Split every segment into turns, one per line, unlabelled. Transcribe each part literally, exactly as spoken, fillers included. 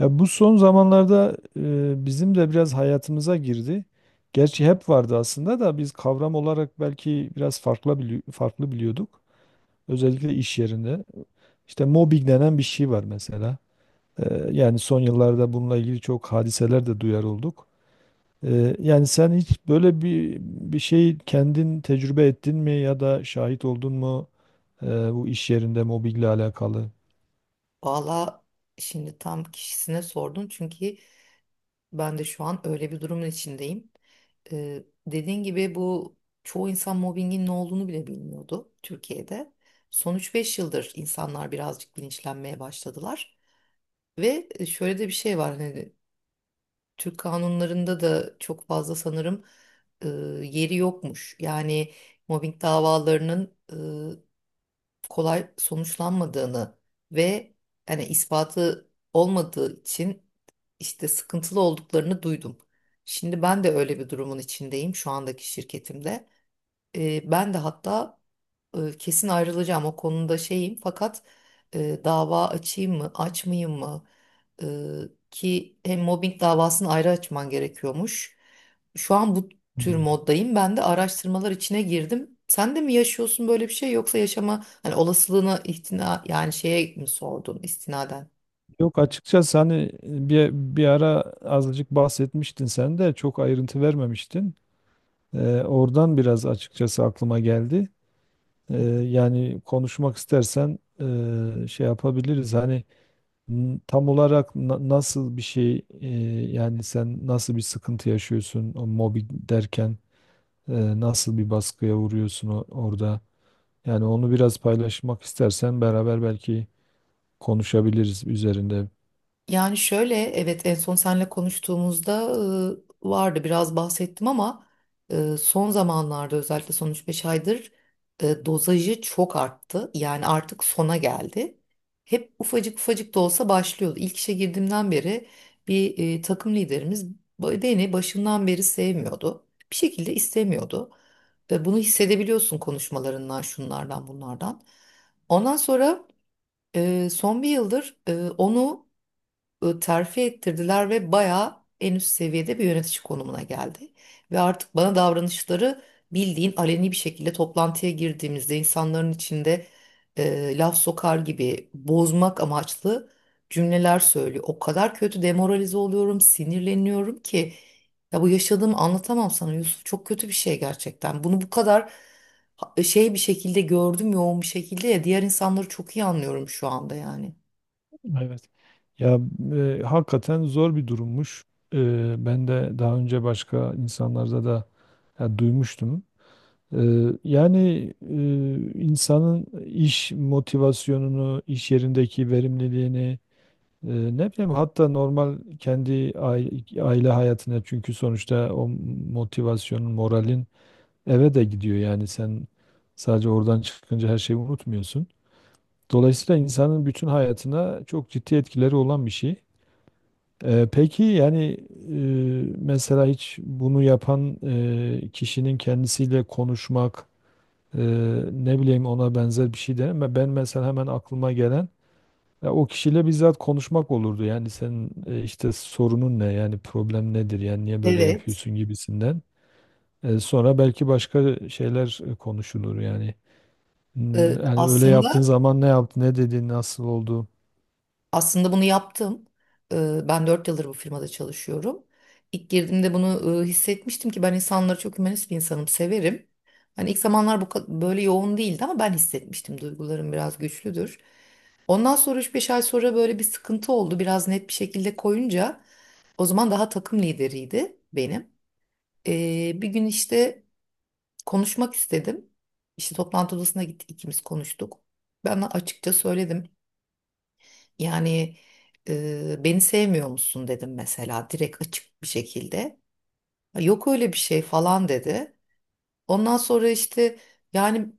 Ya bu son zamanlarda e, bizim de biraz hayatımıza girdi. Gerçi hep vardı aslında da biz kavram olarak belki biraz farklı bili farklı biliyorduk. Özellikle iş yerinde. İşte mobbing denen bir şey var mesela. E, yani son yıllarda bununla ilgili çok hadiseler de duyar olduk. E, yani sen hiç böyle bir bir şey kendin tecrübe ettin mi ya da şahit oldun mu e, bu iş yerinde mobbingle alakalı?
Valla şimdi tam kişisine sordun çünkü ben de şu an öyle bir durumun içindeyim. Ee, dediğin gibi bu çoğu insan mobbingin ne olduğunu bile bilmiyordu Türkiye'de. Son üç beş yıldır insanlar birazcık bilinçlenmeye başladılar. Ve e, şöyle de bir şey var, hani Türk kanunlarında da çok fazla sanırım e, yeri yokmuş. Yani mobbing davalarının e, kolay sonuçlanmadığını ve hani ispatı olmadığı için işte sıkıntılı olduklarını duydum. Şimdi ben de öyle bir durumun içindeyim şu andaki şirketimde. E, ben de hatta e, kesin ayrılacağım o konuda şeyim, fakat e, dava açayım mı açmayayım mı? E, Ki hem mobbing davasını ayrı açman gerekiyormuş. Şu an bu tür
Hmm.
moddayım, ben de araştırmalar içine girdim. Sen de mi yaşıyorsun böyle bir şey, yoksa yaşama hani olasılığına ihtina yani şeye mi sordun istinaden?
Yok, açıkçası hani e, bir, bir ara azıcık bahsetmiştin, sen de çok ayrıntı vermemiştin. Ee, oradan biraz açıkçası aklıma geldi. Ee, yani konuşmak istersen e, şey yapabiliriz. Hani n- tam olarak na- nasıl bir şey, e, yani sen nasıl bir sıkıntı yaşıyorsun o mobbing derken, e, nasıl bir baskıya vuruyorsun o- orada? Yani onu biraz paylaşmak istersen beraber belki konuşabiliriz üzerinde.
Yani şöyle, evet, en son seninle konuştuğumuzda e, vardı, biraz bahsettim, ama e, son zamanlarda özellikle son üç beş aydır e, dozajı çok arttı. Yani artık sona geldi. Hep ufacık ufacık da olsa başlıyordu. İlk işe girdiğimden beri bir e, takım liderimiz ba- beni başından beri sevmiyordu. Bir şekilde istemiyordu. E, bunu hissedebiliyorsun konuşmalarından, şunlardan, bunlardan. Ondan sonra e, son bir yıldır e, onu e, terfi ettirdiler ve bayağı en üst seviyede bir yönetici konumuna geldi. Ve artık bana davranışları bildiğin aleni bir şekilde, toplantıya girdiğimizde insanların içinde e, laf sokar gibi, bozmak amaçlı cümleler söylüyor. O kadar kötü demoralize oluyorum, sinirleniyorum ki ya bu yaşadığımı anlatamam sana Yusuf. Çok kötü bir şey gerçekten. Bunu bu kadar ha- e, şey bir şekilde gördüm, yoğun bir şekilde, ya diğer insanları çok iyi anlıyorum şu anda yani.
Evet. Ya, e, hakikaten zor bir durummuş. E, Ben de daha önce başka insanlarda da, ya, duymuştum. E, Yani e, insanın iş motivasyonunu, iş yerindeki verimliliğini, e, ne bileyim, hatta normal kendi aile, aile hayatına, çünkü sonuçta o motivasyonun, moralin eve de gidiyor. Yani sen sadece oradan çıkınca her şeyi unutmuyorsun. Dolayısıyla insanın bütün hayatına çok ciddi etkileri olan bir şey. Ee, peki yani e, mesela hiç bunu yapan e, kişinin kendisiyle konuşmak, e, ne bileyim ona benzer bir şey de, ben mesela hemen aklıma gelen, ya o kişiyle bizzat konuşmak olurdu. Yani senin e, işte sorunun ne, yani problem nedir, yani niye böyle
Evet,
yapıyorsun gibisinden. E, sonra belki başka şeyler e, konuşulur yani. Hmm.
e,
Yani öyle yaptığın
aslında
zaman ne yaptı, ne dedi, nasıl oldu.
Aslında bunu yaptım. Ee, Ben dört yıldır bu firmada çalışıyorum. İlk girdiğimde bunu e, hissetmiştim ki ben insanları çok, hümanist bir insanım, severim. Hani ilk zamanlar bu ka- böyle yoğun değildi ama ben hissetmiştim. Duygularım biraz güçlüdür. Ondan sonra üç beş ay sonra böyle bir sıkıntı oldu. Biraz net bir şekilde koyunca, o zaman daha takım lideriydi benim. Ee, bir gün işte konuşmak istedim. İşte toplantı odasına gittik, ikimiz konuştuk. Ben açıkça söyledim. Yani e, beni sevmiyor musun dedim mesela, direkt açık bir şekilde. "Ya, yok öyle bir şey falan" dedi. Ondan sonra işte, yani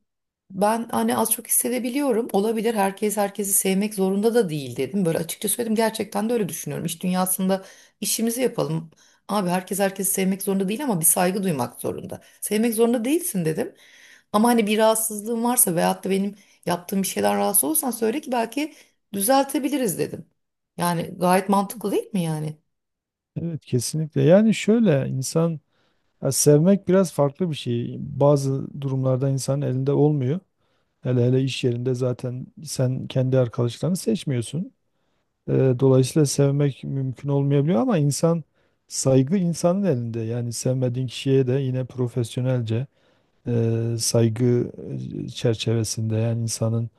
ben hani az çok hissedebiliyorum. Olabilir, herkes herkesi sevmek zorunda da değil dedim. Böyle açıkça söyledim, gerçekten de öyle düşünüyorum. İş dünyasında işimizi yapalım. Abi herkes herkesi sevmek zorunda değil ama bir saygı duymak zorunda. Sevmek zorunda değilsin dedim. Ama hani bir rahatsızlığın varsa veyahut da benim yaptığım bir şeyden rahatsız olursan söyle ki belki düzeltebiliriz dedim. Yani gayet mantıklı değil mi yani?
Evet, kesinlikle. Yani şöyle, insan, ya sevmek biraz farklı bir şey. Bazı durumlarda insanın elinde olmuyor. Hele hele iş yerinde zaten sen kendi arkadaşlarını seçmiyorsun. Ee, Dolayısıyla sevmek mümkün olmayabiliyor ama insan, saygı insanın elinde. Yani sevmediğin kişiye de yine profesyonelce e, saygı e, çerçevesinde, yani insanın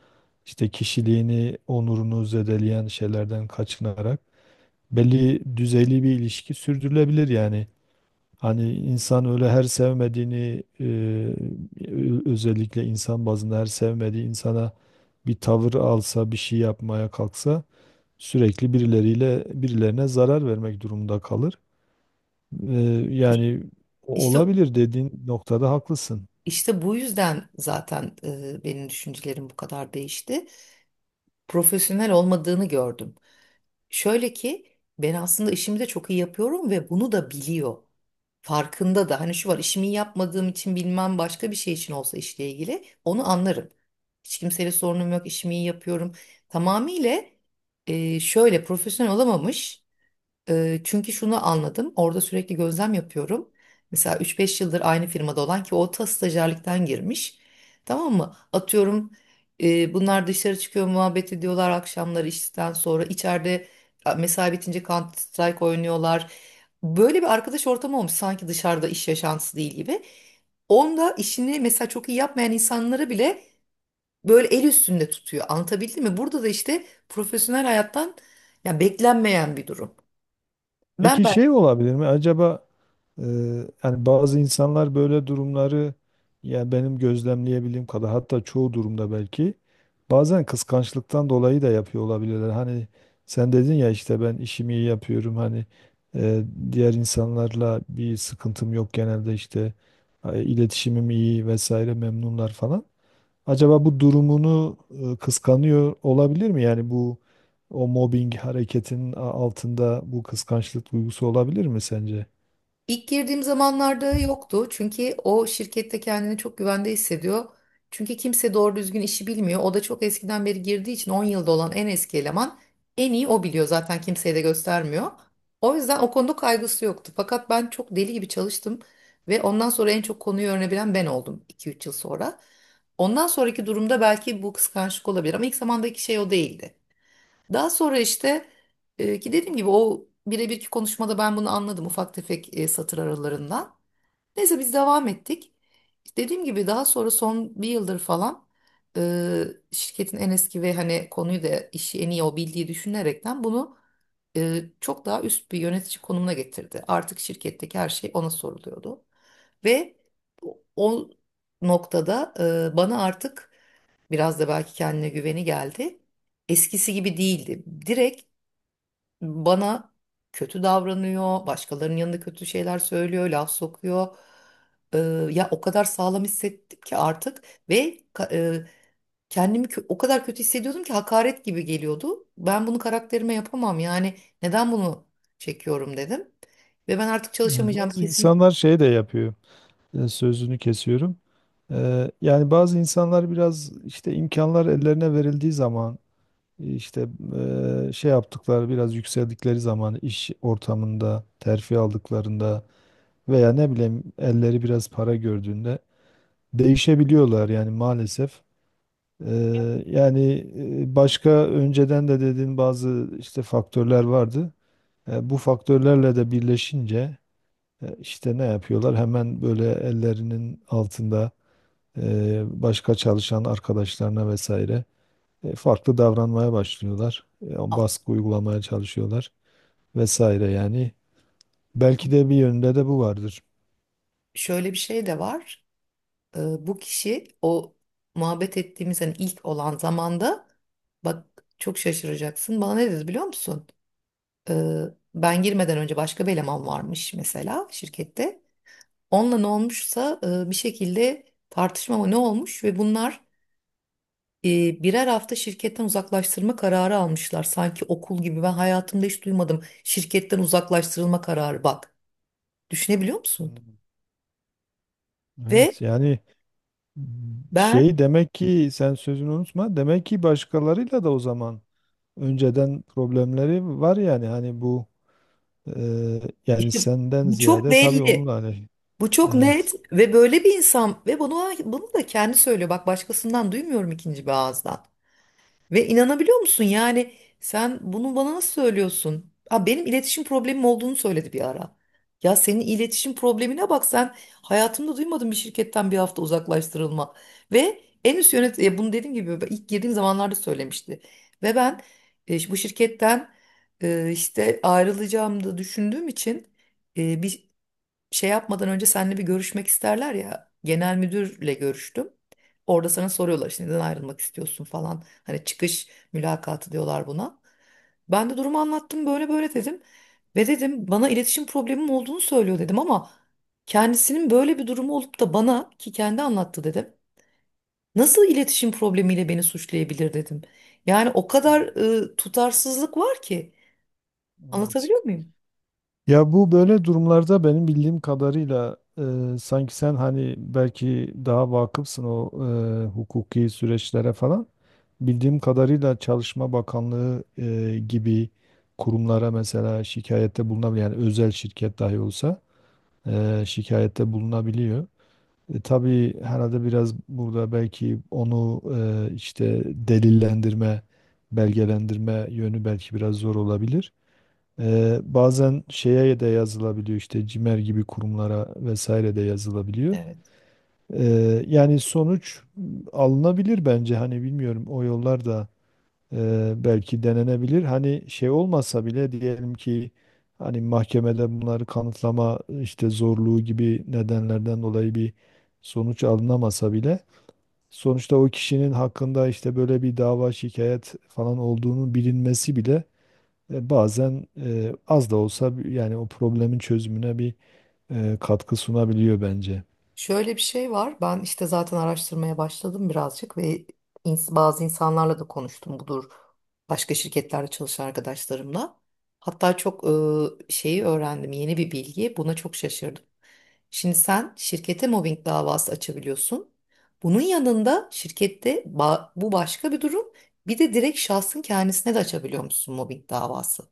işte kişiliğini, onurunu zedeleyen şeylerden kaçınarak belli düzeyli bir ilişki sürdürülebilir yani. Hani insan öyle her sevmediğini e, ö- özellikle insan bazında her sevmediği insana bir tavır alsa, bir şey yapmaya kalksa, sürekli birileriyle birilerine zarar vermek durumunda kalır. E,
İş-
Yani o-
İşte
olabilir, dediğin noktada haklısın.
işte bu yüzden zaten e, benim düşüncelerim bu kadar değişti. Profesyonel olmadığını gördüm. Şöyle ki, ben aslında işimi de çok iyi yapıyorum ve bunu da biliyor. Farkında da. Hani şu var, işimi iyi yapmadığım için bilmem başka bir şey için olsa, işle ilgili onu anlarım. Hiç kimseyle sorunum yok, işimi iyi yapıyorum. Tamamıyla e, şöyle profesyonel olamamış. Eee, çünkü şunu anladım, orada sürekli gözlem yapıyorum. Mesela üç beş yıldır aynı firmada olan, ki o ta stajyerlikten girmiş. Tamam mı? Atıyorum, eee, bunlar dışarı çıkıyor, muhabbet ediyorlar akşamları işten sonra. İçeride a, mesai bitince Counter Strike oynuyorlar. Böyle bir arkadaş ortamı olmuş, sanki dışarıda iş yaşantısı değil gibi. Onda işini mesela çok iyi yapmayan insanları bile böyle el üstünde tutuyor. Anlatabildim mi? Burada da işte profesyonel hayattan ya beklenmeyen bir durum. Ben
Peki şey olabilir mi? Acaba e, yani bazı insanlar böyle durumları, ya benim gözlemleyebildiğim kadar, hatta çoğu durumda belki, bazen kıskançlıktan dolayı da yapıyor olabilirler. Hani sen dedin ya işte ben işimi iyi yapıyorum, hani e, diğer insanlarla bir sıkıntım yok genelde, işte e, iletişimim iyi vesaire, memnunlar falan. Acaba bu durumunu e, kıskanıyor olabilir mi? Yani bu o mobbing hareketinin a- altında bu kıskançlık duygusu olabilir mi sence?
İlk girdiğim zamanlarda yoktu çünkü o şirkette kendini çok güvende hissediyor. Çünkü kimse doğru düzgün işi bilmiyor. O da çok eskiden beri girdiği için, 10 yılda olan en eski eleman, en iyi o biliyor zaten, kimseye de göstermiyor. O yüzden o konuda kaygısı yoktu. Fakat ben çok deli gibi çalıştım ve ondan sonra en çok konuyu öğrenebilen ben oldum iki üç yıl sonra. Ondan sonraki durumda belki bu kıskançlık olabilir ama ilk zamandaki şey o değildi. Daha sonra işte e, ki dediğim gibi o birebirki konuşmada ben bunu anladım, ufak tefek e, satır aralarından. Neyse, biz devam ettik. Dediğim gibi daha sonra son bir yıldır falan e, şirketin en eski ve hani konuyu da işi en iyi o bildiği düşünerekten bunu e, çok daha üst bir yönetici konumuna getirdi. Artık şirketteki her şey ona soruluyordu. Ve o o noktada e, bana artık biraz da belki kendine güveni geldi. Eskisi gibi değildi. Direkt bana kötü davranıyor, başkalarının yanında kötü şeyler söylüyor, laf sokuyor. Ee, Ya o kadar sağlam hissettim ki artık, ve ka- e, kendimi kö- o kadar kötü hissediyordum ki hakaret gibi geliyordu. Ben bunu karakterime yapamam yani, neden bunu çekiyorum dedim. Ve ben artık çalışamayacağım
Bazı
kesin.
insanlar şey de yapıyor. E, Sözünü kesiyorum. E, Yani bazı insanlar biraz işte imkanlar ellerine verildiği zaman, işte e, şey yaptıkları, biraz yükseldikleri zaman iş ortamında, terfi aldıklarında veya ne bileyim elleri biraz para gördüğünde değişebiliyorlar yani maalesef. Eee, yani e, başka önceden de dediğin bazı işte faktörler vardı. E, bu faktörlerle de birleşince e, işte ne yapıyorlar? Hemen böyle ellerinin altında e, başka çalışan arkadaşlarına vesaire e, farklı davranmaya başlıyorlar. E, o
Aa,
baskı uygulamaya çalışıyorlar vesaire yani. Belki de bir yönde de bu vardır.
Şöyle bir şey de var. E, bu kişi o muhabbet ettiğimiz hani ilk olan zamanda, bak çok şaşıracaksın, bana ne dedi biliyor musun? E, Ben girmeden önce başka bir eleman varmış mesela şirkette. Onunla ne olmuşsa e, bir şekilde tartışma mı ne olmuş, ve bunlar e, birer hafta şirketten uzaklaştırma kararı almışlar. Sanki okul gibi, ben hayatımda hiç duymadım şirketten uzaklaştırılma kararı, bak. Düşünebiliyor musun?
Hmm. Evet
Ve
yani,
ben
şey, demek ki, sen sözünü unutma, demek ki başkalarıyla da o zaman önceden problemleri var, yani hani bu e, yani
işte,
senden
bu çok
ziyade tabii
belli.
onunla hani
Bu çok net
evet,
ve böyle bir insan, ve bunu bunu da kendi söylüyor. Bak, başkasından duymuyorum ikinci bir ağızdan. Ve inanabiliyor musun yani, sen bunu bana nasıl söylüyorsun? Ha, benim iletişim problemim olduğunu söyledi bir ara. Ya senin iletişim problemine bak sen, hayatımda duymadım bir şirketten bir hafta uzaklaştırılma. Ve en üst yönet e, bunu dediğim gibi ben ilk girdiğim zamanlarda söylemişti. Ve ben e, bu şirketten e, işte ayrılacağımı da düşündüğüm için e, bir şey yapmadan önce seninle bir görüşmek isterler ya. Genel müdürle görüştüm. Orada sana soruyorlar işte neden ayrılmak istiyorsun falan. Hani çıkış mülakatı diyorlar buna. Ben de durumu anlattım, böyle böyle dedim. Ve dedim, bana iletişim problemim olduğunu söylüyor dedim, ama kendisinin böyle bir durumu olup da bana, ki kendi anlattı dedim. Nasıl iletişim problemiyle beni suçlayabilir dedim. Yani o kadar e, tutarsızlık var ki,
evet.
anlatabiliyor muyum?
Ya bu böyle durumlarda benim bildiğim kadarıyla e, sanki sen hani belki daha vakıfsın o e, hukuki süreçlere falan, bildiğim kadarıyla Çalışma Bakanlığı e, gibi kurumlara mesela şikayette bulunabiliyor, yani özel şirket dahi olsa e, şikayette bulunabiliyor. E, tabii herhalde biraz burada belki onu e, işte delillendirme, belgelendirme yönü belki biraz zor olabilir. E, bazen şeye de yazılabiliyor, işte CİMER gibi kurumlara vesaire de yazılabiliyor. E, Yani sonuç alınabilir bence, hani bilmiyorum, o yollar da Eee, belki denenebilir. Hani şey olmasa bile, diyelim ki hani mahkemede bunları kanıtlama işte zorluğu gibi nedenlerden dolayı bir sonuç alınamasa bile, sonuçta o kişinin hakkında işte böyle bir dava, şikayet falan olduğunu bilinmesi bile e, bazen e, az da olsa bir- yani o problemin çözümüne bir e, katkı sunabiliyor bence.
Şöyle bir şey var. Ben işte zaten araştırmaya başladım birazcık, ve ins- bazı insanlarla da konuştum. Budur, başka şirketlerde çalışan arkadaşlarımla. Hatta çok e, şeyi öğrendim. Yeni bir bilgi, buna çok şaşırdım. Şimdi sen şirkete mobbing davası açabiliyorsun. Bunun yanında şirkette ba- bu başka bir durum. Bir de direkt şahsın kendisine de açabiliyor musun mobbing davası?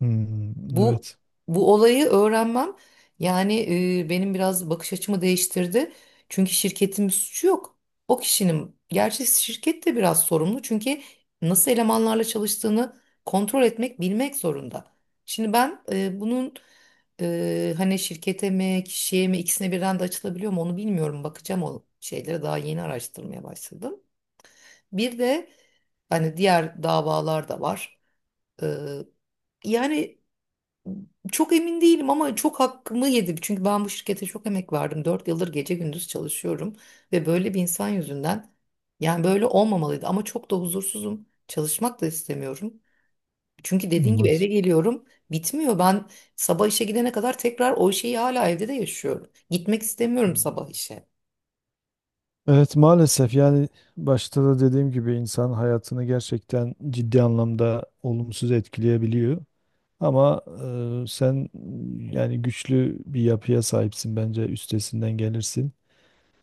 Hmm,
Bu
evet.
bu olayı öğrenmem, yani e, benim biraz bakış açımı değiştirdi. Çünkü şirketin bir suçu yok. O kişinin, gerçi şirket de biraz sorumlu çünkü nasıl elemanlarla çalıştığını kontrol etmek, bilmek zorunda. Şimdi ben e, bunun e, hani şirkete mi kişiye mi ikisine birden de açılabiliyor mu onu bilmiyorum. Bakacağım o şeylere, daha yeni araştırmaya başladım. Bir de hani diğer davalar da var. E, Yani çok emin değilim, ama çok hakkımı yedi. Çünkü ben bu şirkete çok emek verdim, dört yıldır gece gündüz çalışıyorum ve böyle bir insan yüzünden, yani böyle olmamalıydı ama çok da huzursuzum. Çalışmak da istemiyorum. Çünkü dediğin gibi eve
Olmaz.
geliyorum, bitmiyor. Ben sabah işe gidene kadar tekrar o şeyi hala evde de yaşıyorum. Gitmek istemiyorum sabah işe.
Evet, maalesef yani, başta da dediğim gibi insan hayatını gerçekten ciddi anlamda olumsuz etkileyebiliyor. Ama e, sen, yani güçlü bir yapıya sahipsin, bence üstesinden gelirsin.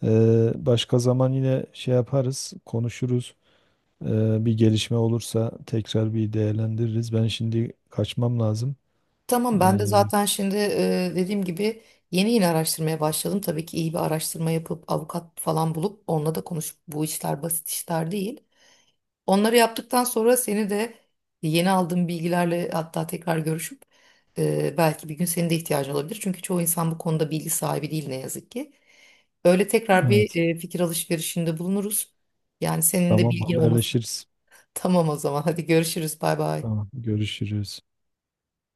E, başka zaman yine şey yaparız, konuşuruz. E, bir gelişme olursa tekrar bir değerlendiririz. Ben şimdi kaçmam lazım. E,
Tamam, ben de zaten şimdi e, dediğim gibi yeni yeni araştırmaya başladım. Tabii ki iyi bir araştırma yapıp avukat falan bulup onunla da konuşup, bu işler basit işler değil. Onları yaptıktan sonra seni de yeni aldığım bilgilerle hatta tekrar görüşüp, e, belki bir gün senin de ihtiyacın olabilir. Çünkü çoğu insan bu konuda bilgi sahibi değil ne yazık ki. Böyle tekrar bir
evet,
e, fikir alışverişinde bulunuruz. Yani senin de
tamam,
bilgin olması.
haberleşiriz.
Tamam o zaman, hadi görüşürüz, bay bay.
Tamam, görüşürüz.